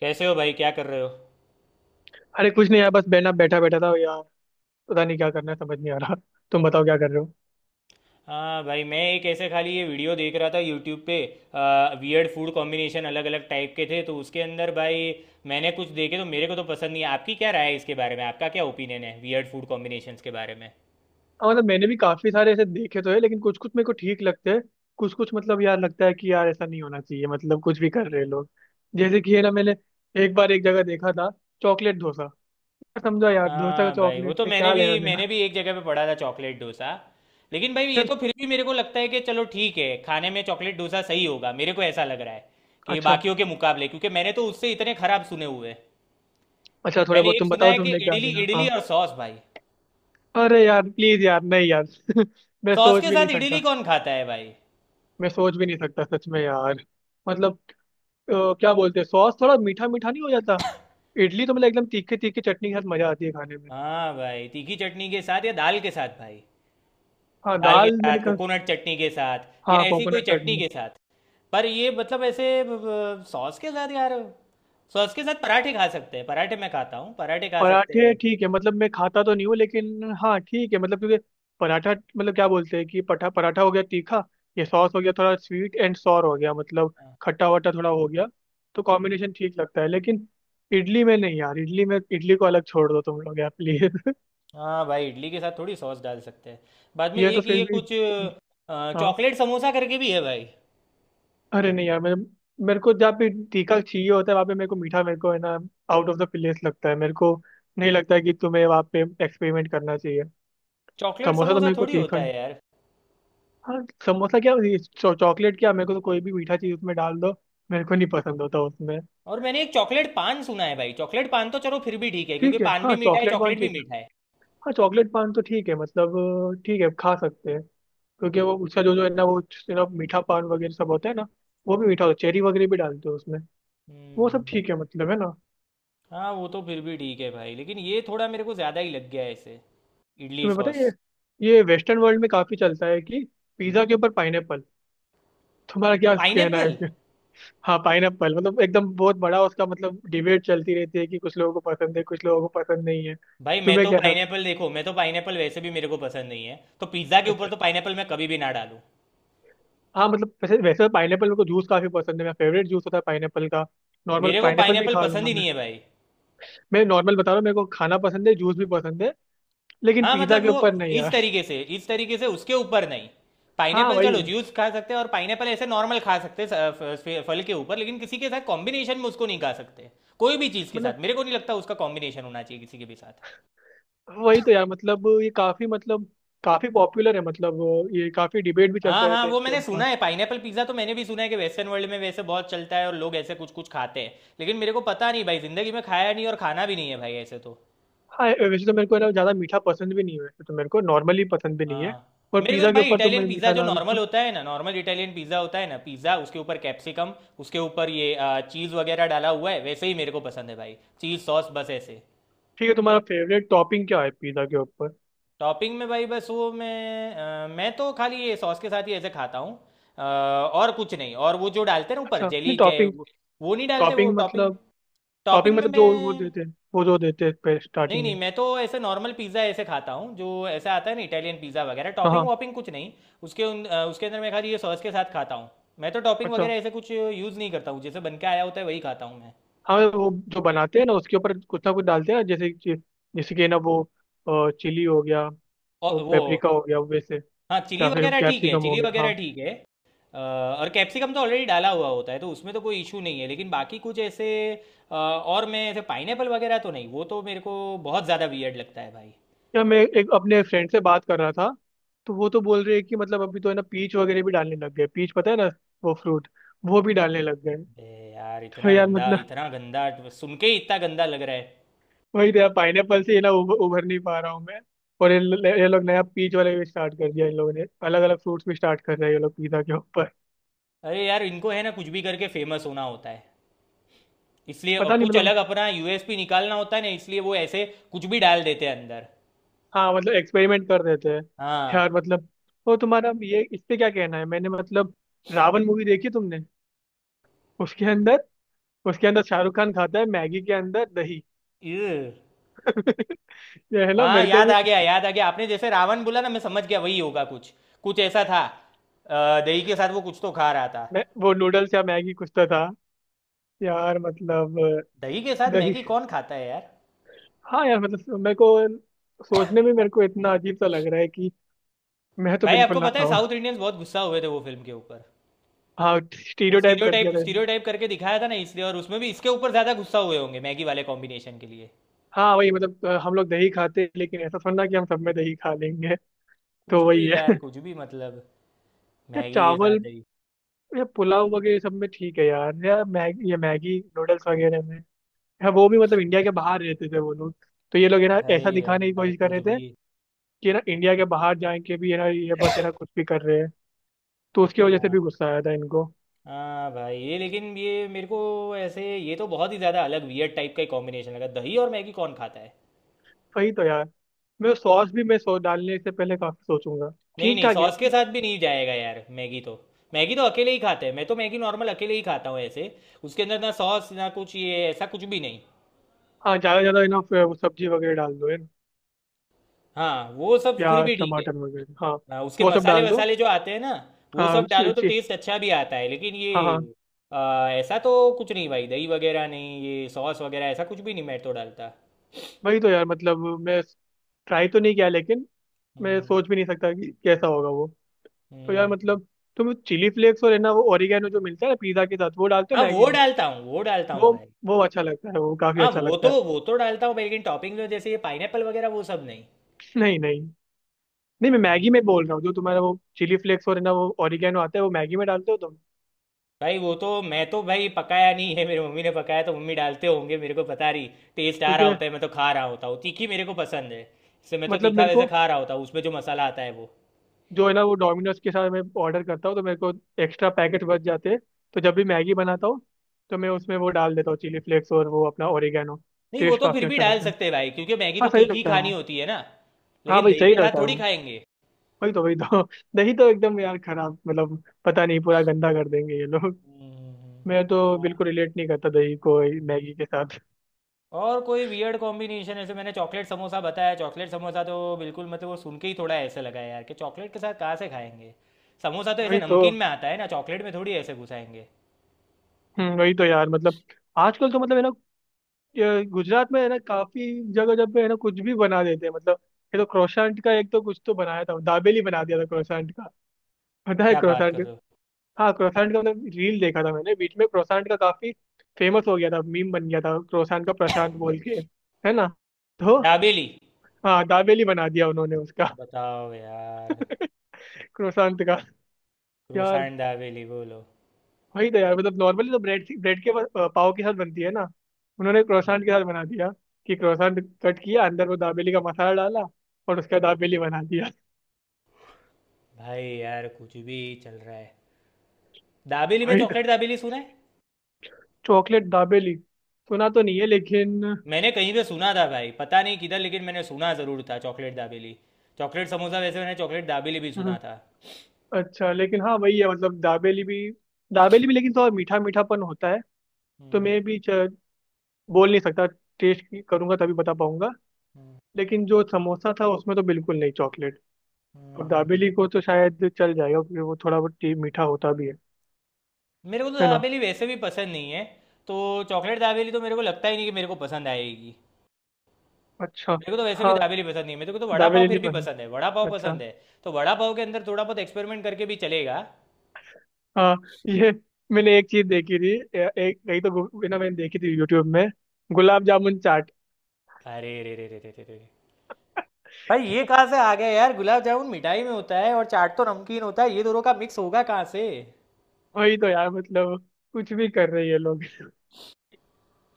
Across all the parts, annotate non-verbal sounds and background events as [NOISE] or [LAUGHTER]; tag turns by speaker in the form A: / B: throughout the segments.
A: कैसे हो भाई, क्या कर रहे हो?
B: अरे कुछ नहीं यार, बस बैठा बैठा बैठा था यार। पता नहीं क्या करना है, समझ नहीं आ रहा। [LAUGHS] तुम बताओ क्या कर रहे हो।
A: हाँ भाई, मैं एक ऐसे खाली ये वीडियो देख रहा था यूट्यूब पे। वियर्ड फूड कॉम्बिनेशन अलग अलग टाइप के थे तो उसके अंदर भाई मैंने कुछ देखे तो मेरे को तो पसंद नहीं है। आपकी क्या राय है इसके बारे में? आपका क्या ओपिनियन है वियर्ड फूड कॉम्बिनेशंस के बारे में?
B: हाँ, मतलब मैंने भी काफी सारे ऐसे देखे तो है, लेकिन कुछ कुछ मेरे को ठीक लगते हैं। कुछ कुछ मतलब यार लगता है कि यार ऐसा नहीं होना चाहिए, मतलब कुछ भी कर रहे हैं लोग। जैसे कि है ना, मैंने एक बार एक जगह देखा था चॉकलेट डोसा। समझो यार, डोसा का
A: हाँ भाई, वो
B: चॉकलेट
A: तो
B: से
A: मैंने
B: क्या लेना
A: भी
B: देना।
A: मैंने भी
B: [LAUGHS]
A: एक जगह पे पढ़ा था चॉकलेट डोसा। लेकिन भाई ये
B: यार।
A: तो फिर भी मेरे को लगता है कि चलो ठीक है, खाने में चॉकलेट डोसा सही होगा, मेरे को ऐसा लग रहा है कि
B: अच्छा,
A: बाकियों के मुकाबले, क्योंकि मैंने तो उससे इतने खराब सुने हुए हैं।
B: अच्छा थोड़ा
A: मैंने
B: बहुत
A: एक
B: तुम
A: सुना
B: बताओ
A: है कि
B: तुमने क्या
A: इडली,
B: देना।
A: इडली
B: हाँ,
A: और सॉस भाई।
B: अरे यार प्लीज यार, नहीं यार। [LAUGHS] मैं
A: सॉस
B: सोच
A: के
B: भी नहीं
A: साथ
B: सकता।
A: इडली कौन खाता है भाई?
B: मैं सोच भी नहीं सकता सच में यार। मतलब क्या बोलते हैं, सॉस थोड़ा मीठा मीठा नहीं हो जाता। इडली तो मतलब एकदम तीखे तीखे चटनी के साथ मजा आती है खाने में।
A: हाँ भाई, तीखी चटनी के साथ या दाल के साथ भाई।
B: हाँ
A: दाल के
B: दाल, मैंने
A: साथ,
B: कहा।
A: कोकोनट चटनी के साथ या
B: हाँ
A: ऐसी कोई
B: कोकोनट
A: चटनी
B: चटनी।
A: के साथ। पर ये मतलब ऐसे सॉस के साथ यार? सॉस के साथ पराठे खा सकते हैं, पराठे मैं खाता हूँ, पराठे खा सकते
B: पराठे
A: हैं।
B: ठीक है, मतलब मैं खाता तो नहीं हूँ, लेकिन हाँ ठीक है, मतलब क्योंकि पराठा, मतलब क्या बोलते हैं कि पठा पराठा हो गया तीखा, ये सॉस हो गया थोड़ा स्वीट एंड सॉर हो गया, मतलब खट्टा वट्टा थोड़ा हो गया। तो कॉम्बिनेशन ठीक लगता है, लेकिन इडली में नहीं यार। इडली में, इडली को अलग छोड़ दो तुम लोग, यार प्लीज।
A: हाँ भाई, इडली के साथ थोड़ी सॉस डाल सकते हैं। बाद
B: [LAUGHS]
A: में
B: ये तो
A: एक
B: फिर
A: ये
B: भी।
A: कुछ
B: हाँ,
A: चॉकलेट समोसा करके भी है भाई।
B: अरे नहीं यार, मेरे मेरे को जहाँ पे तीखा चाहिए होता है वहाँ पे मेरे को मीठा, मेरे को है ना आउट ऑफ द प्लेस लगता है। मेरे को नहीं लगता है कि तुम्हें वहाँ पे एक्सपेरिमेंट करना चाहिए।
A: चॉकलेट
B: समोसा तो
A: समोसा
B: मेरे को
A: थोड़ी
B: तीखा
A: होता
B: ही।
A: है यार।
B: हाँ, समोसा क्या, ये चॉकलेट क्या, मेरे को तो कोई भी मीठा चीज़ उसमें डाल दो, मेरे को नहीं पसंद होता उसमें।
A: और मैंने एक चॉकलेट पान सुना है भाई। चॉकलेट पान तो चलो फिर भी ठीक है, क्योंकि
B: ठीक है,
A: पान
B: हाँ
A: भी मीठा है,
B: चॉकलेट पान
A: चॉकलेट भी
B: ठीक है।
A: मीठा है।
B: हाँ चॉकलेट पान तो ठीक है, मतलब ठीक है, खा सकते हैं। क्योंकि वो उसका जो जो है ना वो मीठा पान वगैरह सब होता है ना। वो भी मीठा होता है, चेरी वगैरह भी डालते हैं उसमें। वो सब
A: हम्म।
B: ठीक है, मतलब है ना।
A: हाँ वो तो फिर भी ठीक है भाई, लेकिन ये थोड़ा मेरे को ज़्यादा ही लग गया है इसे, इडली
B: तुम्हें पता है,
A: सॉस।
B: ये वेस्टर्न वर्ल्ड में काफी चलता है कि पिज्जा के ऊपर पाइनएप्पल। तुम्हारा क्या कहना है
A: पाइनएप्पल?
B: इसमें। हाँ पाइनएप्पल, मतलब एकदम बहुत बड़ा उसका मतलब डिबेट चलती रहती है कि कुछ लोगों को पसंद है, कुछ लोगों को पसंद नहीं है।
A: भाई मैं
B: तुम्हें
A: तो
B: कैसा लगता
A: पाइनएप्पल, देखो मैं तो पाइनएप्पल वैसे भी मेरे को पसंद नहीं है, तो पिज़्ज़ा के
B: है?
A: ऊपर
B: अच्छा।
A: तो पाइनएप्पल मैं कभी भी ना डालूँ।
B: हाँ मतलब, वैसे वैसे पाइनएप्पल मेरे को जूस काफी पसंद है, मेरा फेवरेट जूस होता है पाइनएप्पल का। नॉर्मल
A: मेरे को
B: पाइनएप्पल भी
A: पाइनएप्पल
B: खा
A: पसंद
B: लूंगा
A: ही
B: मैं।
A: नहीं है भाई।
B: मैं नॉर्मल बता रहा हूँ, मेरे को खाना पसंद है, जूस भी पसंद है। लेकिन
A: हाँ
B: पिज्जा
A: मतलब
B: के
A: वो
B: ऊपर नहीं
A: इस
B: यार।
A: तरीके से, इस तरीके से उसके ऊपर नहीं।
B: हाँ,
A: पाइनएप्पल चलो
B: वही
A: जूस खा सकते हैं, और पाइनएप्पल ऐसे नॉर्मल खा सकते हैं, फल के ऊपर, लेकिन किसी के साथ कॉम्बिनेशन में उसको नहीं खा सकते। कोई भी चीज़ के
B: मतलब,
A: साथ मेरे को नहीं लगता उसका कॉम्बिनेशन होना चाहिए किसी के भी साथ।
B: वही तो यार, मतलब ये काफी मतलब काफी पॉपुलर है मतलब। ये काफी डिबेट भी
A: हाँ
B: चलते
A: हाँ,
B: रहते हैं
A: वो
B: इनके
A: मैंने
B: ऊपर।
A: सुना है पाइनएपल पिज्ज़ा तो मैंने भी सुना है कि वेस्टर्न वर्ल्ड में वैसे बहुत चलता है और लोग ऐसे कुछ कुछ खाते हैं। लेकिन मेरे को पता नहीं भाई, ज़िंदगी में खाया नहीं और खाना भी नहीं है भाई ऐसे तो।
B: हाँ वैसे तो मेरे को है ना, ज्यादा मीठा पसंद भी नहीं है वैसे तो, मेरे को नॉर्मली पसंद भी नहीं है।
A: हाँ।
B: और
A: मेरे को तो
B: पिज्जा के
A: भाई
B: ऊपर तो मैं
A: इटालियन पिज़्ज़ा
B: मीठा
A: जो
B: डाल
A: नॉर्मल
B: लूं।
A: होता है ना, नॉर्मल इटालियन पिज़्ज़ा होता है ना पिज़्ज़ा, उसके ऊपर कैप्सिकम, उसके ऊपर ये चीज़ वगैरह डाला हुआ है वैसे ही मेरे को पसंद है भाई। चीज़ सॉस, बस ऐसे।
B: [LAUGHS] ठीक है, तुम्हारा फेवरेट टॉपिंग क्या है पिज्जा के ऊपर।
A: टॉपिंग में भाई बस वो मैं मैं तो खाली ये सॉस के साथ ही ऐसे खाता हूँ। और कुछ नहीं। और वो जो डालते हैं ना ऊपर,
B: अच्छा,
A: जेली
B: नहीं
A: जय
B: टॉपिंग।
A: वो नहीं डालते वो
B: टॉपिंग
A: टॉपिंग।
B: मतलब। टॉपिंग
A: टॉपिंग में
B: मतलब जो वो
A: मैं,
B: देते हैं, वो जो देते हैं
A: नहीं
B: स्टार्टिंग
A: नहीं,
B: में।
A: मैं तो ऐसे नॉर्मल पिज़्ज़ा ऐसे खाता हूँ जो ऐसा आता है ना, इटालियन पिज़्ज़ा वगैरह,
B: हाँ
A: टॉपिंग
B: हाँ,
A: वॉपिंग कुछ नहीं। उसके अंदर मैं खाली ये सॉस के साथ खाता हूँ। मैं तो टॉपिंग
B: अच्छा।
A: वगैरह ऐसे कुछ यूज़ नहीं करता हूँ, जैसे बन के आया होता है वही खाता हूँ मैं।
B: हाँ, वो जो बनाते हैं ना उसके ऊपर कुछ ना कुछ डालते हैं ना, जैसे कि ना वो चिली हो गया और
A: और वो,
B: पेपरिका हो गया वैसे,
A: हाँ चिली
B: या फिर
A: वगैरह ठीक है,
B: कैप्सिकम हो
A: चिली
B: गया, हाँ।
A: वगैरह ठीक है। और कैप्सिकम तो ऑलरेडी डाला हुआ होता है तो उसमें तो कोई इशू नहीं है, लेकिन बाकी कुछ ऐसे और मैं ऐसे पाइनएपल वगैरह तो नहीं, वो तो मेरे को बहुत ज़्यादा वियर्ड लगता है भाई।
B: या मैं एक अपने फ्रेंड से बात कर रहा था तो वो तो बोल रहे हैं कि मतलब अभी तो है ना पीच वगैरह भी डालने लग गए। पीच पता है ना, वो फ्रूट, वो भी डालने लग गए।
A: बे, यार
B: तो
A: इतना
B: यार
A: गंदा,
B: मतलब
A: इतना गंदा। सुन के ही इतना गंदा लग रहा है।
B: वही तो यार, पाइनएप्पल से ये ना उभर नहीं पा रहा हूँ मैं। और ये लोग नया पीच वाले भी स्टार्ट कर दिया, इन लोगों ने अलग अलग फ्रूट्स भी स्टार्ट कर रहे हैं ये लोग पिज्जा के ऊपर।
A: अरे यार, इनको है ना कुछ भी करके फेमस होना होता है, इसलिए
B: पता नहीं
A: कुछ
B: मतलब।
A: अलग अपना यूएसपी निकालना होता है ना, इसलिए वो ऐसे कुछ भी डाल देते हैं अंदर।
B: हाँ मतलब एक्सपेरिमेंट कर देते हैं। यार
A: हाँ।
B: मतलब, वो तुम्हारा ये इस पे क्या कहना है मैंने, मतलब रावण मूवी देखी तुमने? उसके अंदर उसके अंदर शाहरुख खान खाता है मैगी के अंदर दही।
A: इर,
B: [LAUGHS] ये है ना
A: हाँ
B: मेरे को
A: याद
B: भी,
A: आ गया, याद आ गया, आपने जैसे रावण बोला ना मैं समझ गया वही होगा कुछ, कुछ ऐसा था। दही के साथ वो कुछ तो खा रहा था।
B: वो नूडल्स या मैगी कुछ तो था। यार मतलब
A: दही के साथ
B: दही।
A: मैगी कौन खाता है यार?
B: हाँ यार मतलब, मेरे को सोचने में मेरे को इतना अजीब सा लग रहा है कि मैं तो
A: भाई
B: बिल्कुल
A: आपको
B: ना
A: पता है
B: खाऊं।
A: साउथ इंडियंस बहुत गुस्सा हुए थे वो फिल्म के ऊपर।
B: हाँ
A: वो
B: स्टीरियोटाइप कर दिया
A: स्टीरियोटाइप,
B: था इसने।
A: स्टीरियोटाइप करके दिखाया था ना इसलिए, और उसमें भी इसके ऊपर ज्यादा गुस्सा हुए होंगे मैगी वाले कॉम्बिनेशन के लिए।
B: हाँ वही मतलब हम लोग दही खाते हैं, लेकिन ऐसा थोड़ा कि हम सब में दही खा लेंगे,
A: कुछ
B: तो
A: भी
B: वही है।
A: यार,
B: [LAUGHS]
A: कुछ भी मतलब।
B: या
A: मैगी के साथ
B: चावल
A: दही।
B: या पुलाव वगैरह सब में ठीक है यार, या मैगी, ये मैगी नूडल्स वगैरह में। हाँ, वो भी मतलब इंडिया के बाहर रहते थे वो लोग, तो ये लोग है ना
A: भाई
B: ऐसा दिखाने की
A: यार,
B: कोशिश कर
A: कुछ
B: रहे
A: भी।
B: थे कि है ना इंडिया के बाहर जाए के भी है ना, ये बस है ना कुछ भी कर रहे हैं, तो उसकी वजह से
A: हाँ।
B: भी गुस्सा आया था इनको।
A: हाँ भाई, ये लेकिन ये मेरे को ऐसे, ये तो बहुत ही ज़्यादा अलग वियर्ड टाइप का कॉम्बिनेशन लगा। दही और मैगी कौन खाता है?
B: वही तो यार, मैं सॉस भी मैं सो डालने से पहले काफी सोचूंगा।
A: नहीं
B: ठीक
A: नहीं,
B: ठाक है।
A: सॉस के साथ भी नहीं जाएगा यार मैगी तो। मैगी तो अकेले ही खाते हैं, मैं तो मैगी नॉर्मल अकेले ही खाता हूँ ऐसे। उसके अंदर ना सॉस, ना कुछ, ये ऐसा कुछ भी नहीं।
B: हाँ, ज्यादा ज्यादा है ना, वो सब्जी वगैरह डाल दो है ना,
A: हाँ, वो सब फिर
B: प्याज
A: भी ठीक है।
B: टमाटर वगैरह, हाँ।
A: हाँ, उसके
B: वो सब
A: मसाले
B: डाल दो,
A: वसाले जो आते हैं ना, वो
B: हाँ।
A: सब
B: उसी-
A: डालो तो
B: उसी-
A: टेस्ट अच्छा भी आता है, लेकिन
B: हाँ
A: ये
B: हाँ,
A: ऐसा तो कुछ नहीं भाई, दही वगैरह नहीं, ये सॉस वगैरह ऐसा कुछ भी नहीं मैं तो डालता।
B: वही तो यार मतलब, मैं ट्राई तो नहीं किया लेकिन मैं
A: हम्म।
B: सोच भी नहीं सकता कि कैसा होगा वो। तो यार
A: हम्म।
B: मतलब, तुम चिली फ्लेक्स और है ना वो ओरिगेनो जो मिलता है ना पिज्जा के साथ, वो डालते हो
A: हाँ
B: मैगी
A: वो
B: में?
A: डालता हूँ, वो डालता हूँ
B: वो
A: भाई।
B: वो अच्छा लगता है, वो काफी
A: हाँ
B: अच्छा
A: वो
B: लगता
A: तो,
B: है।
A: वो तो डालता हूँ भाई, लेकिन टॉपिंग में जैसे ये पाइनएप्पल वगैरह वो सब नहीं।
B: [LAUGHS] नहीं नहीं, नहीं मैं मैगी में बोल रहा हूँ, जो तुम्हारा वो चिली फ्लेक्स और है ना वो ओरिगेनो आता है वो मैगी में डालते हो तुम?
A: भाई वो तो मैं तो भाई पकाया नहीं है, मेरी मम्मी ने पकाया तो मम्मी डालते होंगे, मेरे को पता नहीं। टेस्ट आ रहा
B: क्योंकि
A: होता है, मैं तो खा रहा होता हूँ। तीखी मेरे को पसंद है, इससे मैं तो
B: मतलब,
A: तीखा
B: मेरे
A: वैसे
B: को
A: खा रहा होता हूँ, उसमें जो मसाला आता है वो।
B: जो है ना, वो डोमिनोज के साथ मैं ऑर्डर करता हूँ तो मेरे को एक्स्ट्रा पैकेट बच जाते हैं, तो जब भी मैगी बनाता हूँ तो मैं उसमें वो डाल देता हूँ, चिली फ्लेक्स और वो अपना ओरिगेनो।
A: नहीं वो
B: टेस्ट
A: तो फिर
B: काफी
A: भी
B: अच्छा
A: डाल
B: लगता है।
A: सकते हैं भाई, क्योंकि मैगी तो
B: हाँ, सही
A: तीखी ही
B: लगता है
A: खानी
B: वो।
A: होती है ना।
B: हाँ
A: लेकिन
B: भाई,
A: दही के
B: सही
A: साथ
B: लगता है
A: थोड़ी
B: वो।
A: खाएंगे।
B: वही तो, वही तो। [LAUGHS] दही तो एकदम यार खराब, मतलब पता नहीं, पूरा गंदा कर देंगे ये लोग।
A: हम्म।
B: [LAUGHS] मैं तो बिल्कुल
A: और
B: रिलेट नहीं करता दही को मैगी के साथ।
A: और कोई वियर्ड कॉम्बिनेशन ऐसे मैंने चॉकलेट समोसा बताया। चॉकलेट समोसा तो बिल्कुल, मतलब वो सुन के ही थोड़ा ऐसे लगा यार कि चॉकलेट के साथ कहाँ से खाएंगे? समोसा तो
B: [LAUGHS]
A: ऐसे
B: वही तो।
A: नमकीन में आता है ना, चॉकलेट में थोड़ी ऐसे घुसाएंगे।
B: वही तो यार मतलब, आजकल तो मतलब है ना, ये गुजरात में है ना काफी जगह जब पे है ना कुछ भी बना देते हैं मतलब। ये तो क्रोसेंट का एक तो कुछ तो बनाया था, दाबेली बना दिया था क्रोसेंट का। [LAUGHS] पता है
A: क्या बात कर
B: क्रोसेंट?
A: रहे हो?
B: हाँ क्रोसेंट का मतलब रील देखा था मैंने बीच में, क्रोसेंट का काफी फेमस हो गया था, मीम बन गया था क्रोसेंट का प्रशांत बोल के, है ना, तो
A: दाबेली?
B: हाँ दाबेली बना दिया उन्होंने उसका।
A: बताओ यार,
B: [LAUGHS] क्रोसान का। यार
A: क्रोसान दाबेली बोलो।
B: वही तो यार मतलब, नॉर्मली तो ब्रेड ब्रेड के पाव के साथ बनती है ना, उन्होंने क्रोसान के साथ बना दिया। कि क्रोसान कट किया, अंदर वो दाबेली का मसाला डाला, और उसका दाबेली बना दिया।
A: भाई यार, कुछ भी चल रहा है। दाबेली में
B: वही तो।
A: चॉकलेट, दाबेली सुना है।
B: चॉकलेट दाबेली सुना तो नहीं है, लेकिन
A: मैंने कहीं पे सुना था भाई, पता नहीं किधर, लेकिन मैंने सुना ज़रूर था चॉकलेट दाबेली। चॉकलेट समोसा, वैसे मैंने चॉकलेट दाबेली भी
B: हम्म,
A: सुना था।
B: अच्छा, लेकिन हाँ वही है, मतलब दाबेली भी, दाबेली भी, लेकिन थोड़ा मीठा मीठापन होता है, तो
A: हम्म।
B: मैं भी बोल नहीं सकता, टेस्ट करूंगा तभी बता पाऊंगा।
A: हम्म।
B: लेकिन जो समोसा था उसमें तो बिल्कुल नहीं चॉकलेट, और
A: हम्म।
B: दाबेली को तो शायद चल जाएगा क्योंकि वो थोड़ा बहुत टी मीठा होता भी है
A: मेरे को तो
B: है ना।
A: दाबेली वैसे भी पसंद नहीं है, तो चॉकलेट दाबेली तो मेरे को लगता ही नहीं कि मेरे को पसंद आएगी।
B: अच्छा।
A: मेरे को तो वैसे भी
B: हाँ
A: दाबेली पसंद नहीं है, मेरे को तो वड़ा पाव
B: दाबेली
A: फिर
B: नहीं
A: भी
B: पसंद।
A: पसंद है, वड़ा पाव
B: अच्छा।
A: पसंद है। तो वड़ा पाव के अंदर थोड़ा बहुत एक्सपेरिमेंट करके भी चलेगा।
B: हाँ ये मैंने एक चीज देखी थी, एक कहीं तो ना, मैंने देखी थी यूट्यूब में, गुलाब जामुन चाट।
A: अरे रे रे रे रे रे रे रे। भाई ये
B: [LAUGHS]
A: कहाँ से आ गया यार? गुलाब जामुन मिठाई में होता है और चाट तो नमकीन होता है, ये दोनों का मिक्स होगा कहाँ से?
B: वही तो यार मतलब, कुछ भी कर रहे हैं ये लोग।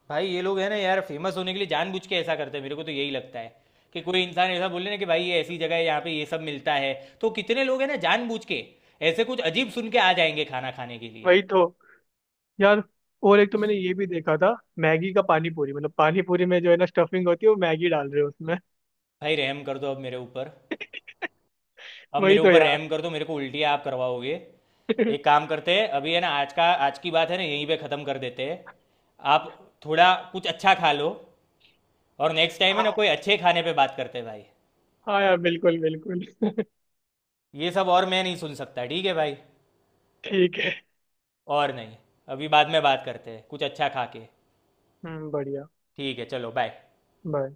A: भाई ये लोग है ना यार, फेमस होने के लिए जानबूझ के ऐसा करते हैं, मेरे को तो यही लगता है। कि कोई इंसान ऐसा बोले ना कि भाई ये ऐसी जगह है, यहाँ पे ये सब मिलता है, तो कितने लोग हैं ना जानबूझ के ऐसे कुछ अजीब सुन के आ जाएंगे खाना खाने के लिए।
B: वही तो यार, और एक तो मैंने ये भी देखा था, मैगी का पानी पूरी, मतलब पानी पूरी में जो है ना स्टफिंग होती है वो मैगी डाल रहे हैं उसमें।
A: भाई रहम कर दो अब मेरे ऊपर।
B: [LAUGHS]
A: अब
B: वही
A: मेरे
B: तो
A: ऊपर
B: यार।
A: रहम कर दो, मेरे को उल्टियाँ आप करवाओगे। एक
B: [LAUGHS]
A: काम करते हैं, अभी है ना आज का, आज की बात है ना यहीं पे ख़त्म कर देते हैं। आप थोड़ा कुछ अच्छा खा लो, और नेक्स्ट टाइम है ना
B: हाँ
A: कोई अच्छे खाने पे बात करते हैं भाई।
B: हाँ यार, बिल्कुल बिल्कुल।
A: ये सब और मैं नहीं सुन सकता, ठीक है भाई।
B: ठीक है।
A: और नहीं, अभी बाद में बात करते हैं कुछ अच्छा खा के।
B: हम्म, बढ़िया।
A: ठीक है, चलो बाय।
B: बाय।